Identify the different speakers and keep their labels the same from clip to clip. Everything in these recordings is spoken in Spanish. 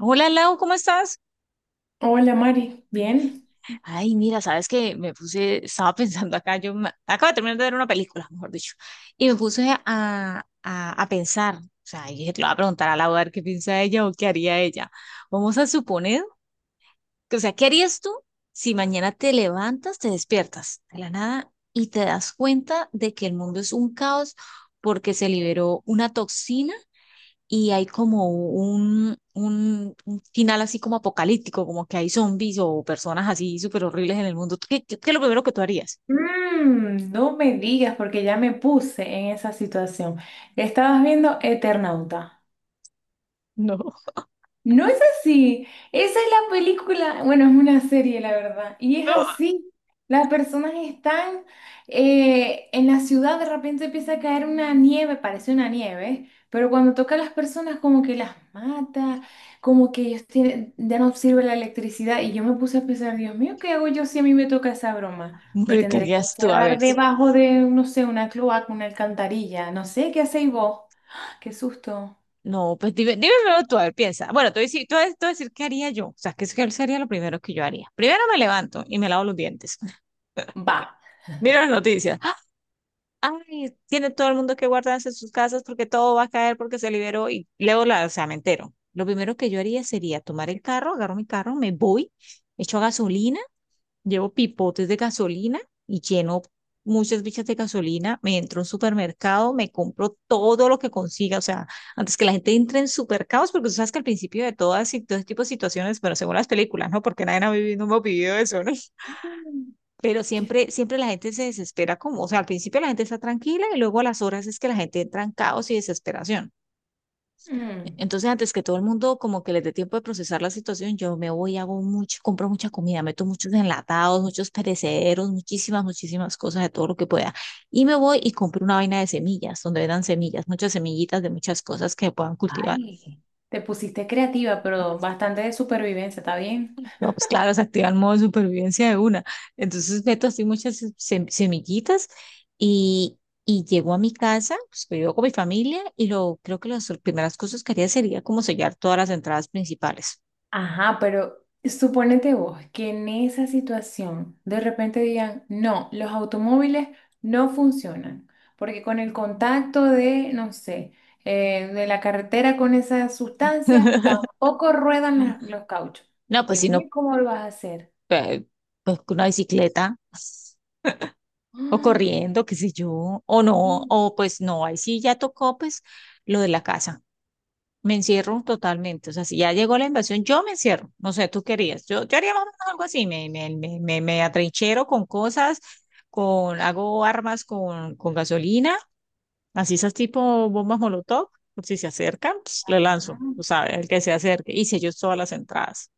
Speaker 1: Hola Lau, ¿cómo estás?
Speaker 2: Hola Mari, ¿bien?
Speaker 1: Ay, mira, sabes que me puse, estaba pensando acá, acabo de terminar de ver una película, mejor dicho, y me puse a pensar, o sea, y dije, te lo voy a preguntar a Lau a ver qué piensa ella o qué haría ella. Vamos a suponer que, o sea, ¿qué harías tú si mañana te levantas, te despiertas de la nada y te das cuenta de que el mundo es un caos porque se liberó una toxina? Y hay como un final así como apocalíptico, como que hay zombies o personas así súper horribles en el mundo, ¿qué es lo primero que tú harías?
Speaker 2: No me digas porque ya me puse en esa situación. Estabas viendo Eternauta.
Speaker 1: No.
Speaker 2: No es así. Esa es la película, bueno, es una serie, la verdad. Y es
Speaker 1: No.
Speaker 2: así. Las personas están en la ciudad, de repente empieza a caer una nieve, parece una nieve, pero cuando toca a las personas como que las mata, como que ellos tienen, ya no sirve la electricidad. Y yo me puse a pensar, Dios mío, ¿qué hago yo si a mí me toca esa broma? Me
Speaker 1: Hombre, ¿qué
Speaker 2: tendré que
Speaker 1: harías tú? A
Speaker 2: encerrar
Speaker 1: ver,
Speaker 2: debajo de, no sé, una cloaca, una alcantarilla, no sé, ¿qué hacéis vos? Qué susto.
Speaker 1: no, pues dime, primero tú, a ver, piensa. Bueno, te voy a decir, te voy a decir qué haría yo, o sea, qué sería lo primero que yo haría. Primero me levanto y me lavo los dientes,
Speaker 2: Va.
Speaker 1: miro las noticias. Ay, tiene todo el mundo que guardarse en sus casas porque todo va a caer porque se liberó y luego la, o sea, me entero. Lo primero que yo haría sería tomar el carro, agarro mi carro, me voy, echo gasolina, llevo pipotes de gasolina y lleno muchas bichas de gasolina, me entro a un supermercado, me compro todo lo que consiga, o sea, antes que la gente entre en supercaos, porque tú sabes que al principio de todas y todo este tipo de situaciones, pero según las películas, ¿no? Porque nadie ha vivido, no hemos vivido eso, ¿no?
Speaker 2: Mm.
Speaker 1: Pero
Speaker 2: Qué
Speaker 1: siempre, siempre la gente se desespera como, o sea, al principio la gente está tranquila y luego a las horas es que la gente entra en caos y desesperación.
Speaker 2: Mm,
Speaker 1: Entonces, antes que todo el mundo como que les dé tiempo de procesar la situación, yo me voy, hago mucho, compro mucha comida, meto muchos enlatados, muchos perecederos, muchísimas, muchísimas cosas de todo lo que pueda. Y me voy y compro una vaina de semillas, donde vendan semillas, muchas semillitas de muchas cosas que puedan cultivar.
Speaker 2: ay, te pusiste creativa, pero bastante de supervivencia, ¿está bien?
Speaker 1: No, pues claro, se activa el modo de supervivencia de una. Entonces meto así muchas semillitas y, y llego a mi casa, pues vivo con mi familia y lo creo que las primeras cosas que haría sería como sellar todas las entradas principales.
Speaker 2: Ajá, pero suponete vos que en esa situación de repente digan, no, los automóviles no funcionan, porque con el contacto de, no sé, de la carretera con esa sustancia, tampoco ruedan los cauchos.
Speaker 1: No, pues
Speaker 2: Dios
Speaker 1: si
Speaker 2: mío,
Speaker 1: no,
Speaker 2: ¿cómo lo vas a hacer?
Speaker 1: eh, pues con una bicicleta o
Speaker 2: ¡Ah!
Speaker 1: corriendo, qué sé yo, o no,
Speaker 2: Y-
Speaker 1: o pues no, ahí sí ya tocó pues lo de la casa. Me encierro totalmente. O sea, si ya llegó la invasión, yo me encierro. No sé, tú querías. Yo haría más o menos algo así. Me atrinchero con cosas, hago armas con gasolina, así esas tipo bombas Molotov. Por si se acercan, pues, le lanzo, tú sabes, el que se acerque. Hice yo todas las entradas.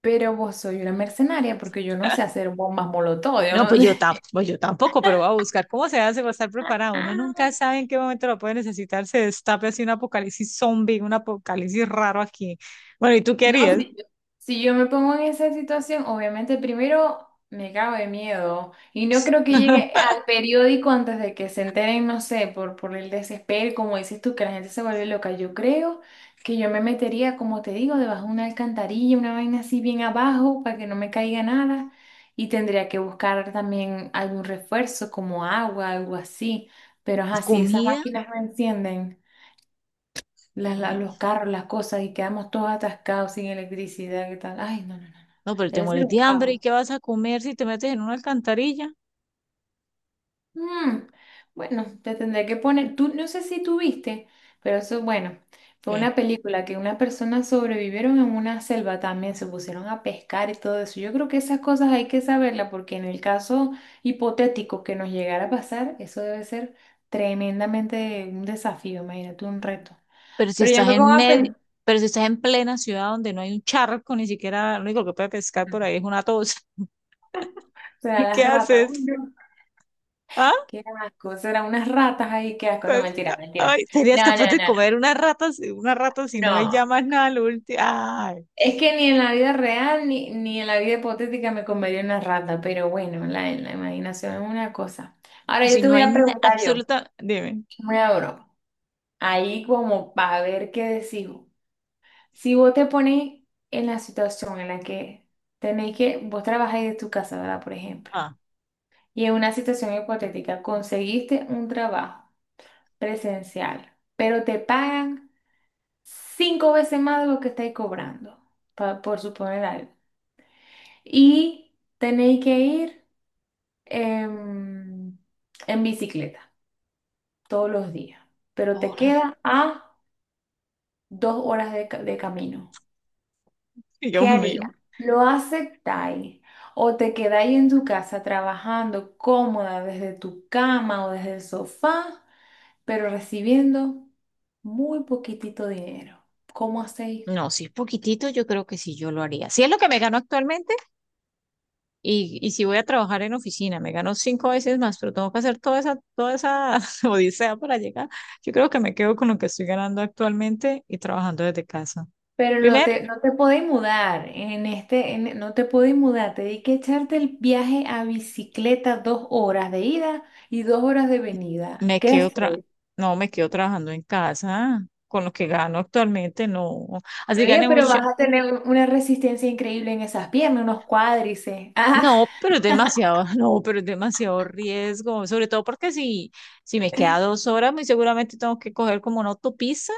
Speaker 2: Pero vos soy una mercenaria porque yo no sé hacer bombas molotov, yo
Speaker 1: No, pues
Speaker 2: no
Speaker 1: yo,
Speaker 2: sé.
Speaker 1: pues yo tampoco, pero voy a buscar cómo se hace para estar preparado. Uno
Speaker 2: Ah,
Speaker 1: nunca sabe en qué momento lo puede necesitar. Se destape así un apocalipsis zombie, un apocalipsis raro aquí. Bueno, ¿y tú qué
Speaker 2: no,
Speaker 1: harías?
Speaker 2: si yo me pongo en esa situación, obviamente primero me cago de miedo y no creo que llegue al periódico antes de que se enteren, no sé, por el desespero, como dices tú, que la gente se vuelve loca. Yo creo que yo me metería, como te digo, debajo de una alcantarilla, una vaina así bien abajo para que no me caiga nada y tendría que buscar también algún refuerzo como agua, algo así. Pero
Speaker 1: ¿Y
Speaker 2: así esas
Speaker 1: comida?
Speaker 2: máquinas me encienden.
Speaker 1: Y-
Speaker 2: Los carros, las cosas y quedamos todos atascados sin electricidad, ¿qué tal? Ay, no, no, no, no.
Speaker 1: No, pero te
Speaker 2: Debe ser
Speaker 1: mueres
Speaker 2: un
Speaker 1: de hambre
Speaker 2: caos.
Speaker 1: y qué vas a comer si te metes en una alcantarilla.
Speaker 2: Mm, bueno, te tendré que poner, tú no sé si tuviste, pero eso, bueno, fue
Speaker 1: ¿Qué?
Speaker 2: una película que unas personas sobrevivieron en una selva también, se pusieron a pescar y todo eso. Yo creo que esas cosas hay que saberlas porque en el caso hipotético que nos llegara a pasar, eso debe ser tremendamente un desafío, imagínate, un reto.
Speaker 1: Pero si
Speaker 2: Pero ya
Speaker 1: estás
Speaker 2: me pongo
Speaker 1: en
Speaker 2: a
Speaker 1: medio,
Speaker 2: pensar,
Speaker 1: pero si estás en plena ciudad donde no hay un charco, ni siquiera lo único que puede
Speaker 2: o
Speaker 1: pescar por ahí es una tos.
Speaker 2: sea, las
Speaker 1: ¿Qué
Speaker 2: ratas.
Speaker 1: haces? ¿Ah?
Speaker 2: Qué asco, serán unas ratas ahí, qué asco. No,
Speaker 1: Pues,
Speaker 2: mentira, mentira.
Speaker 1: ay, ¿serías
Speaker 2: No,
Speaker 1: capaz
Speaker 2: no,
Speaker 1: de
Speaker 2: no, no.
Speaker 1: comer una rata, una rata si no hay
Speaker 2: No.
Speaker 1: ya más nada lo último? Ay,
Speaker 2: Es que ni en la vida real ni en la vida hipotética me comería una rata, pero bueno, en la imaginación es una cosa. Ahora yo
Speaker 1: si
Speaker 2: te
Speaker 1: no
Speaker 2: voy
Speaker 1: hay
Speaker 2: a preguntar yo,
Speaker 1: absoluta, dime.
Speaker 2: una broma, ahí como para ver qué decido. Si vos te pones en la situación en la que tenéis que, vos trabajáis de tu casa, ¿verdad? Por ejemplo,
Speaker 1: Ah,
Speaker 2: y en una situación hipotética conseguiste un trabajo presencial, pero te pagan cinco veces más de lo que estáis cobrando, por suponer algo. Y tenéis que ir em, en bicicleta todos los días, pero te
Speaker 1: ahora,
Speaker 2: queda a 2 horas de, de camino. ¿Qué
Speaker 1: Dios mío.
Speaker 2: haría? ¿Lo aceptáis? ¿O te quedáis en tu casa trabajando cómoda desde tu cama o desde el sofá, pero recibiendo muy poquitito dinero? ¿Cómo hacéis?
Speaker 1: No, si es poquitito, yo creo que sí, yo lo haría. Si es lo que me gano actualmente. Y si voy a trabajar en oficina, me gano cinco veces más, pero tengo que hacer toda esa odisea para llegar. Yo creo que me quedo con lo que estoy ganando actualmente y trabajando desde casa.
Speaker 2: Pero no
Speaker 1: Primero,
Speaker 2: te, no te podés mudar, no te podés mudar, te di que echarte el viaje a bicicleta 2 horas de ida y 2 horas de venida.
Speaker 1: me
Speaker 2: ¿Qué
Speaker 1: quedo tra-
Speaker 2: haces?
Speaker 1: no, me quedo trabajando en casa con lo que gano actualmente, no. Así
Speaker 2: Oye,
Speaker 1: gane
Speaker 2: pero
Speaker 1: mucho.
Speaker 2: vas a tener una resistencia increíble en esas piernas, unos cuádriceps. Ah,
Speaker 1: No, pero es demasiado, no, pero es demasiado riesgo, sobre todo porque si me queda dos horas, muy seguramente tengo que coger como una autopista.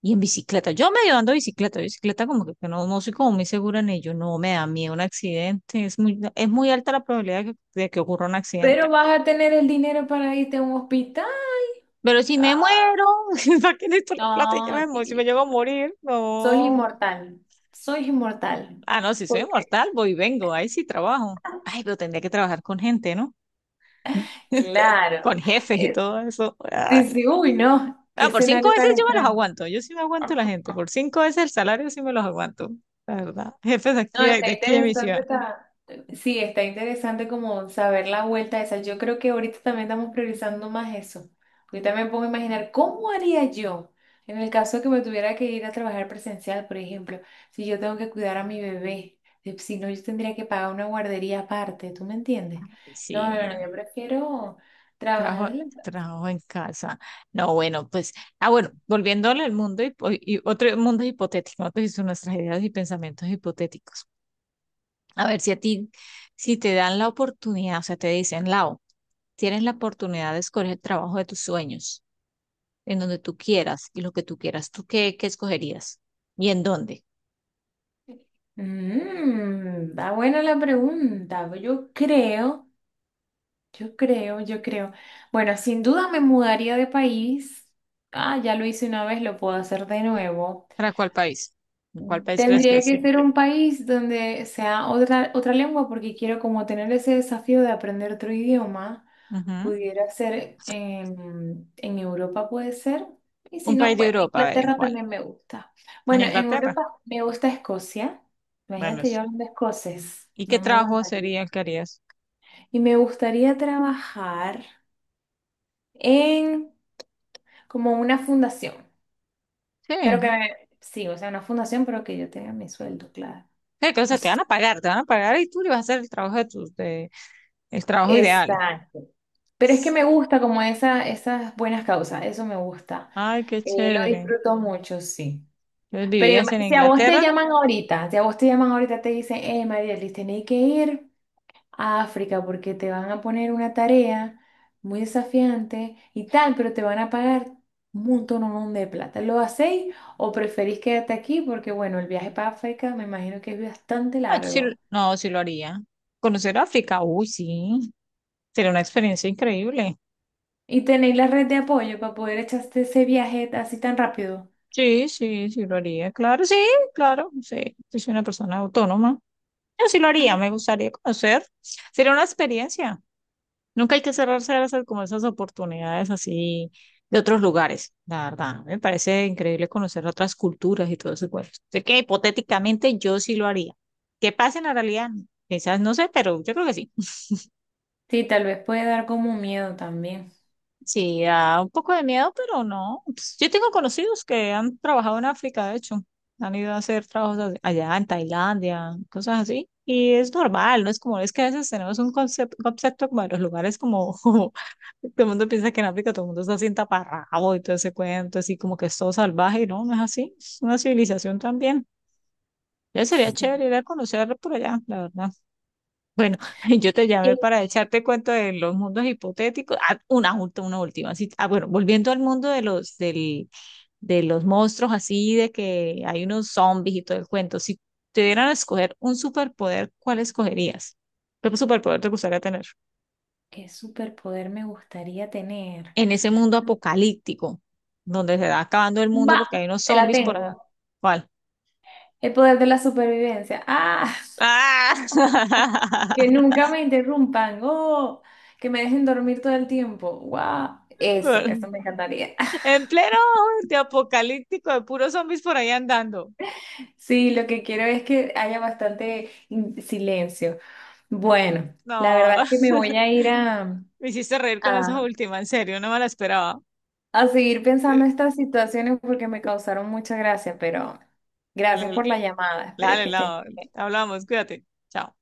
Speaker 1: Y en bicicleta, yo medio ando bicicleta, como que no, no soy como muy segura en ello, no me da miedo un accidente, es muy alta la probabilidad de de que ocurra un accidente.
Speaker 2: pero vas a tener el dinero para irte a un hospital.
Speaker 1: Pero si me
Speaker 2: Ah,
Speaker 1: muero, ¿para qué necesito la plata? Y ya
Speaker 2: no,
Speaker 1: me muero, si me
Speaker 2: tío,
Speaker 1: llego a morir,
Speaker 2: soy
Speaker 1: no.
Speaker 2: inmortal, soy inmortal.
Speaker 1: Ah, no, si soy
Speaker 2: ¿Por qué?
Speaker 1: inmortal voy y vengo, ahí sí trabajo. Ay, pero tendría que trabajar con gente, ¿no?
Speaker 2: Claro.
Speaker 1: Con jefes y
Speaker 2: Eh,
Speaker 1: todo eso.
Speaker 2: sí,
Speaker 1: Ah,
Speaker 2: sí, uy, no, qué
Speaker 1: ah, por cinco
Speaker 2: escenario
Speaker 1: veces
Speaker 2: tan
Speaker 1: yo me los
Speaker 2: extraño.
Speaker 1: aguanto, yo sí me aguanto la gente, por cinco veces el salario sí me los aguanto, la verdad. Jefes de aquí,
Speaker 2: No, está
Speaker 1: de mi
Speaker 2: interesante,
Speaker 1: ciudad.
Speaker 2: está sí, está interesante como saber la vuelta esa. Yo creo que ahorita también estamos priorizando más eso. Ahorita me pongo a imaginar cómo haría yo en el caso que me tuviera que ir a trabajar presencial, por ejemplo, si yo tengo que cuidar a mi bebé, si no, yo tendría que pagar una guardería aparte, ¿tú me entiendes?
Speaker 1: Ay,
Speaker 2: No, no, no,
Speaker 1: sí.
Speaker 2: yo prefiero
Speaker 1: Trabajo,
Speaker 2: trabajar.
Speaker 1: trabajo en casa. No, bueno, pues, bueno, volviéndole al mundo hipo- y otro mundo hipotético, nosotros son nuestras ideas y pensamientos hipotéticos. A ver si a ti, si te dan la oportunidad, o sea, te dicen, Lau, tienes la oportunidad de escoger el trabajo de tus sueños, en donde tú quieras y lo que tú quieras, ¿tú qué escogerías? ¿Y en dónde?
Speaker 2: Está buena la pregunta. Yo creo. Yo creo, yo creo. Bueno, sin duda me mudaría de país. Ah, ya lo hice una vez, lo puedo hacer de nuevo.
Speaker 1: ¿Para cuál país? ¿En cuál país crees que
Speaker 2: Tendría que
Speaker 1: sea?
Speaker 2: ser un país donde sea otra, lengua porque quiero como tener ese desafío de aprender otro idioma.
Speaker 1: Ujú.
Speaker 2: Pudiera ser en, Europa, puede ser. Y si
Speaker 1: Un
Speaker 2: no,
Speaker 1: país de
Speaker 2: bueno,
Speaker 1: Europa, a ver, ¿en
Speaker 2: Inglaterra
Speaker 1: cuál?
Speaker 2: también me gusta.
Speaker 1: ¿En
Speaker 2: Bueno, en
Speaker 1: Inglaterra?
Speaker 2: Europa me gusta Escocia.
Speaker 1: Bueno,
Speaker 2: Imagínate yo hablando escocés.
Speaker 1: ¿y qué
Speaker 2: No me
Speaker 1: trabajo
Speaker 2: aguantaría.
Speaker 1: sería el que harías?
Speaker 2: Y me gustaría trabajar en como una fundación,
Speaker 1: Sí.
Speaker 2: pero que sí, o sea, una fundación, pero que yo tenga mi sueldo, claro.
Speaker 1: Que, o sea, te van a pagar y tú le vas a hacer el trabajo el trabajo ideal.
Speaker 2: Exacto. Pero es que me gusta como esas buenas causas, eso me gusta.
Speaker 1: Ay, qué
Speaker 2: Lo
Speaker 1: chévere.
Speaker 2: disfruto mucho, sí.
Speaker 1: Entonces,
Speaker 2: Pero
Speaker 1: ¿vivías en
Speaker 2: si a vos te
Speaker 1: Inglaterra?
Speaker 2: llaman ahorita, si a vos te llaman ahorita, te dicen, Marielis, tenéis que ir a África porque te van a poner una tarea muy desafiante y tal, pero te van a pagar un montón de plata. ¿Lo hacéis o preferís quedarte aquí? Porque bueno, el viaje para África me imagino que es bastante
Speaker 1: No, sí,
Speaker 2: largo.
Speaker 1: no, sí lo haría. Conocer África, uy, sí. Sería una experiencia increíble.
Speaker 2: ¿Y tenéis la red de apoyo para poder echarte ese viaje así tan rápido?
Speaker 1: Sí, sí, sí lo haría. Claro, sí, claro, sí. Yo soy una persona autónoma. Yo sí lo haría,
Speaker 2: Ah,
Speaker 1: me gustaría conocer. Sería una experiencia. Nunca hay que cerrarse como esas oportunidades así de otros lugares, la verdad. Me parece increíble conocer otras culturas y todo ese cuento. Sé que hipotéticamente yo sí lo haría. Qué pasa en la realidad, quizás no sé, pero yo creo que sí.
Speaker 2: sí, tal vez puede dar como miedo también.
Speaker 1: Sí, da un poco de miedo, pero no. Pues, yo tengo conocidos que han trabajado en África, de hecho. Han ido a hacer trabajos allá en Tailandia, cosas así. Y es normal, ¿no? Es como, es que a veces tenemos un concepto como de los lugares como, como todo el mundo piensa que en África todo el mundo está así en taparrabo y todo ese cuento, así como que es todo salvaje, y no, no es así. Es una civilización también. Ya sería
Speaker 2: Sí.
Speaker 1: chévere ir a conocer por allá, la verdad. Bueno, yo te
Speaker 2: ¿Qué
Speaker 1: llamé para echarte cuento de los mundos hipotéticos. Ah, una última, una última. Así, bueno, volviendo al mundo de de los monstruos, así de que hay unos zombies y todo el cuento. Si te dieran a escoger un superpoder, ¿cuál escogerías? ¿Qué superpoder te gustaría tener?
Speaker 2: qué superpoder me gustaría tener?
Speaker 1: En ese mundo apocalíptico, donde se va acabando el
Speaker 2: Va,
Speaker 1: mundo porque hay unos
Speaker 2: te la
Speaker 1: zombies por
Speaker 2: tengo.
Speaker 1: allá. ¿Cuál?
Speaker 2: El poder de la supervivencia. Ah.
Speaker 1: ¡Ah!
Speaker 2: Que nunca me interrumpan, oh, que me dejen dormir todo el tiempo. ¡Wow! Eso me encantaría.
Speaker 1: En pleno de apocalíptico, de puros zombies por ahí andando.
Speaker 2: Sí, lo que quiero es que haya bastante silencio. Bueno, la verdad
Speaker 1: No.
Speaker 2: es que me voy a ir a,
Speaker 1: Me hiciste reír con esa
Speaker 2: a,
Speaker 1: última, en serio, no me la esperaba.
Speaker 2: a seguir pensando
Speaker 1: Eh,
Speaker 2: estas situaciones porque me causaron mucha gracia, pero
Speaker 1: Dale,
Speaker 2: gracias
Speaker 1: dale,
Speaker 2: por la llamada. Espero
Speaker 1: dale,
Speaker 2: que estés
Speaker 1: no, hablamos, cuídate. Chao.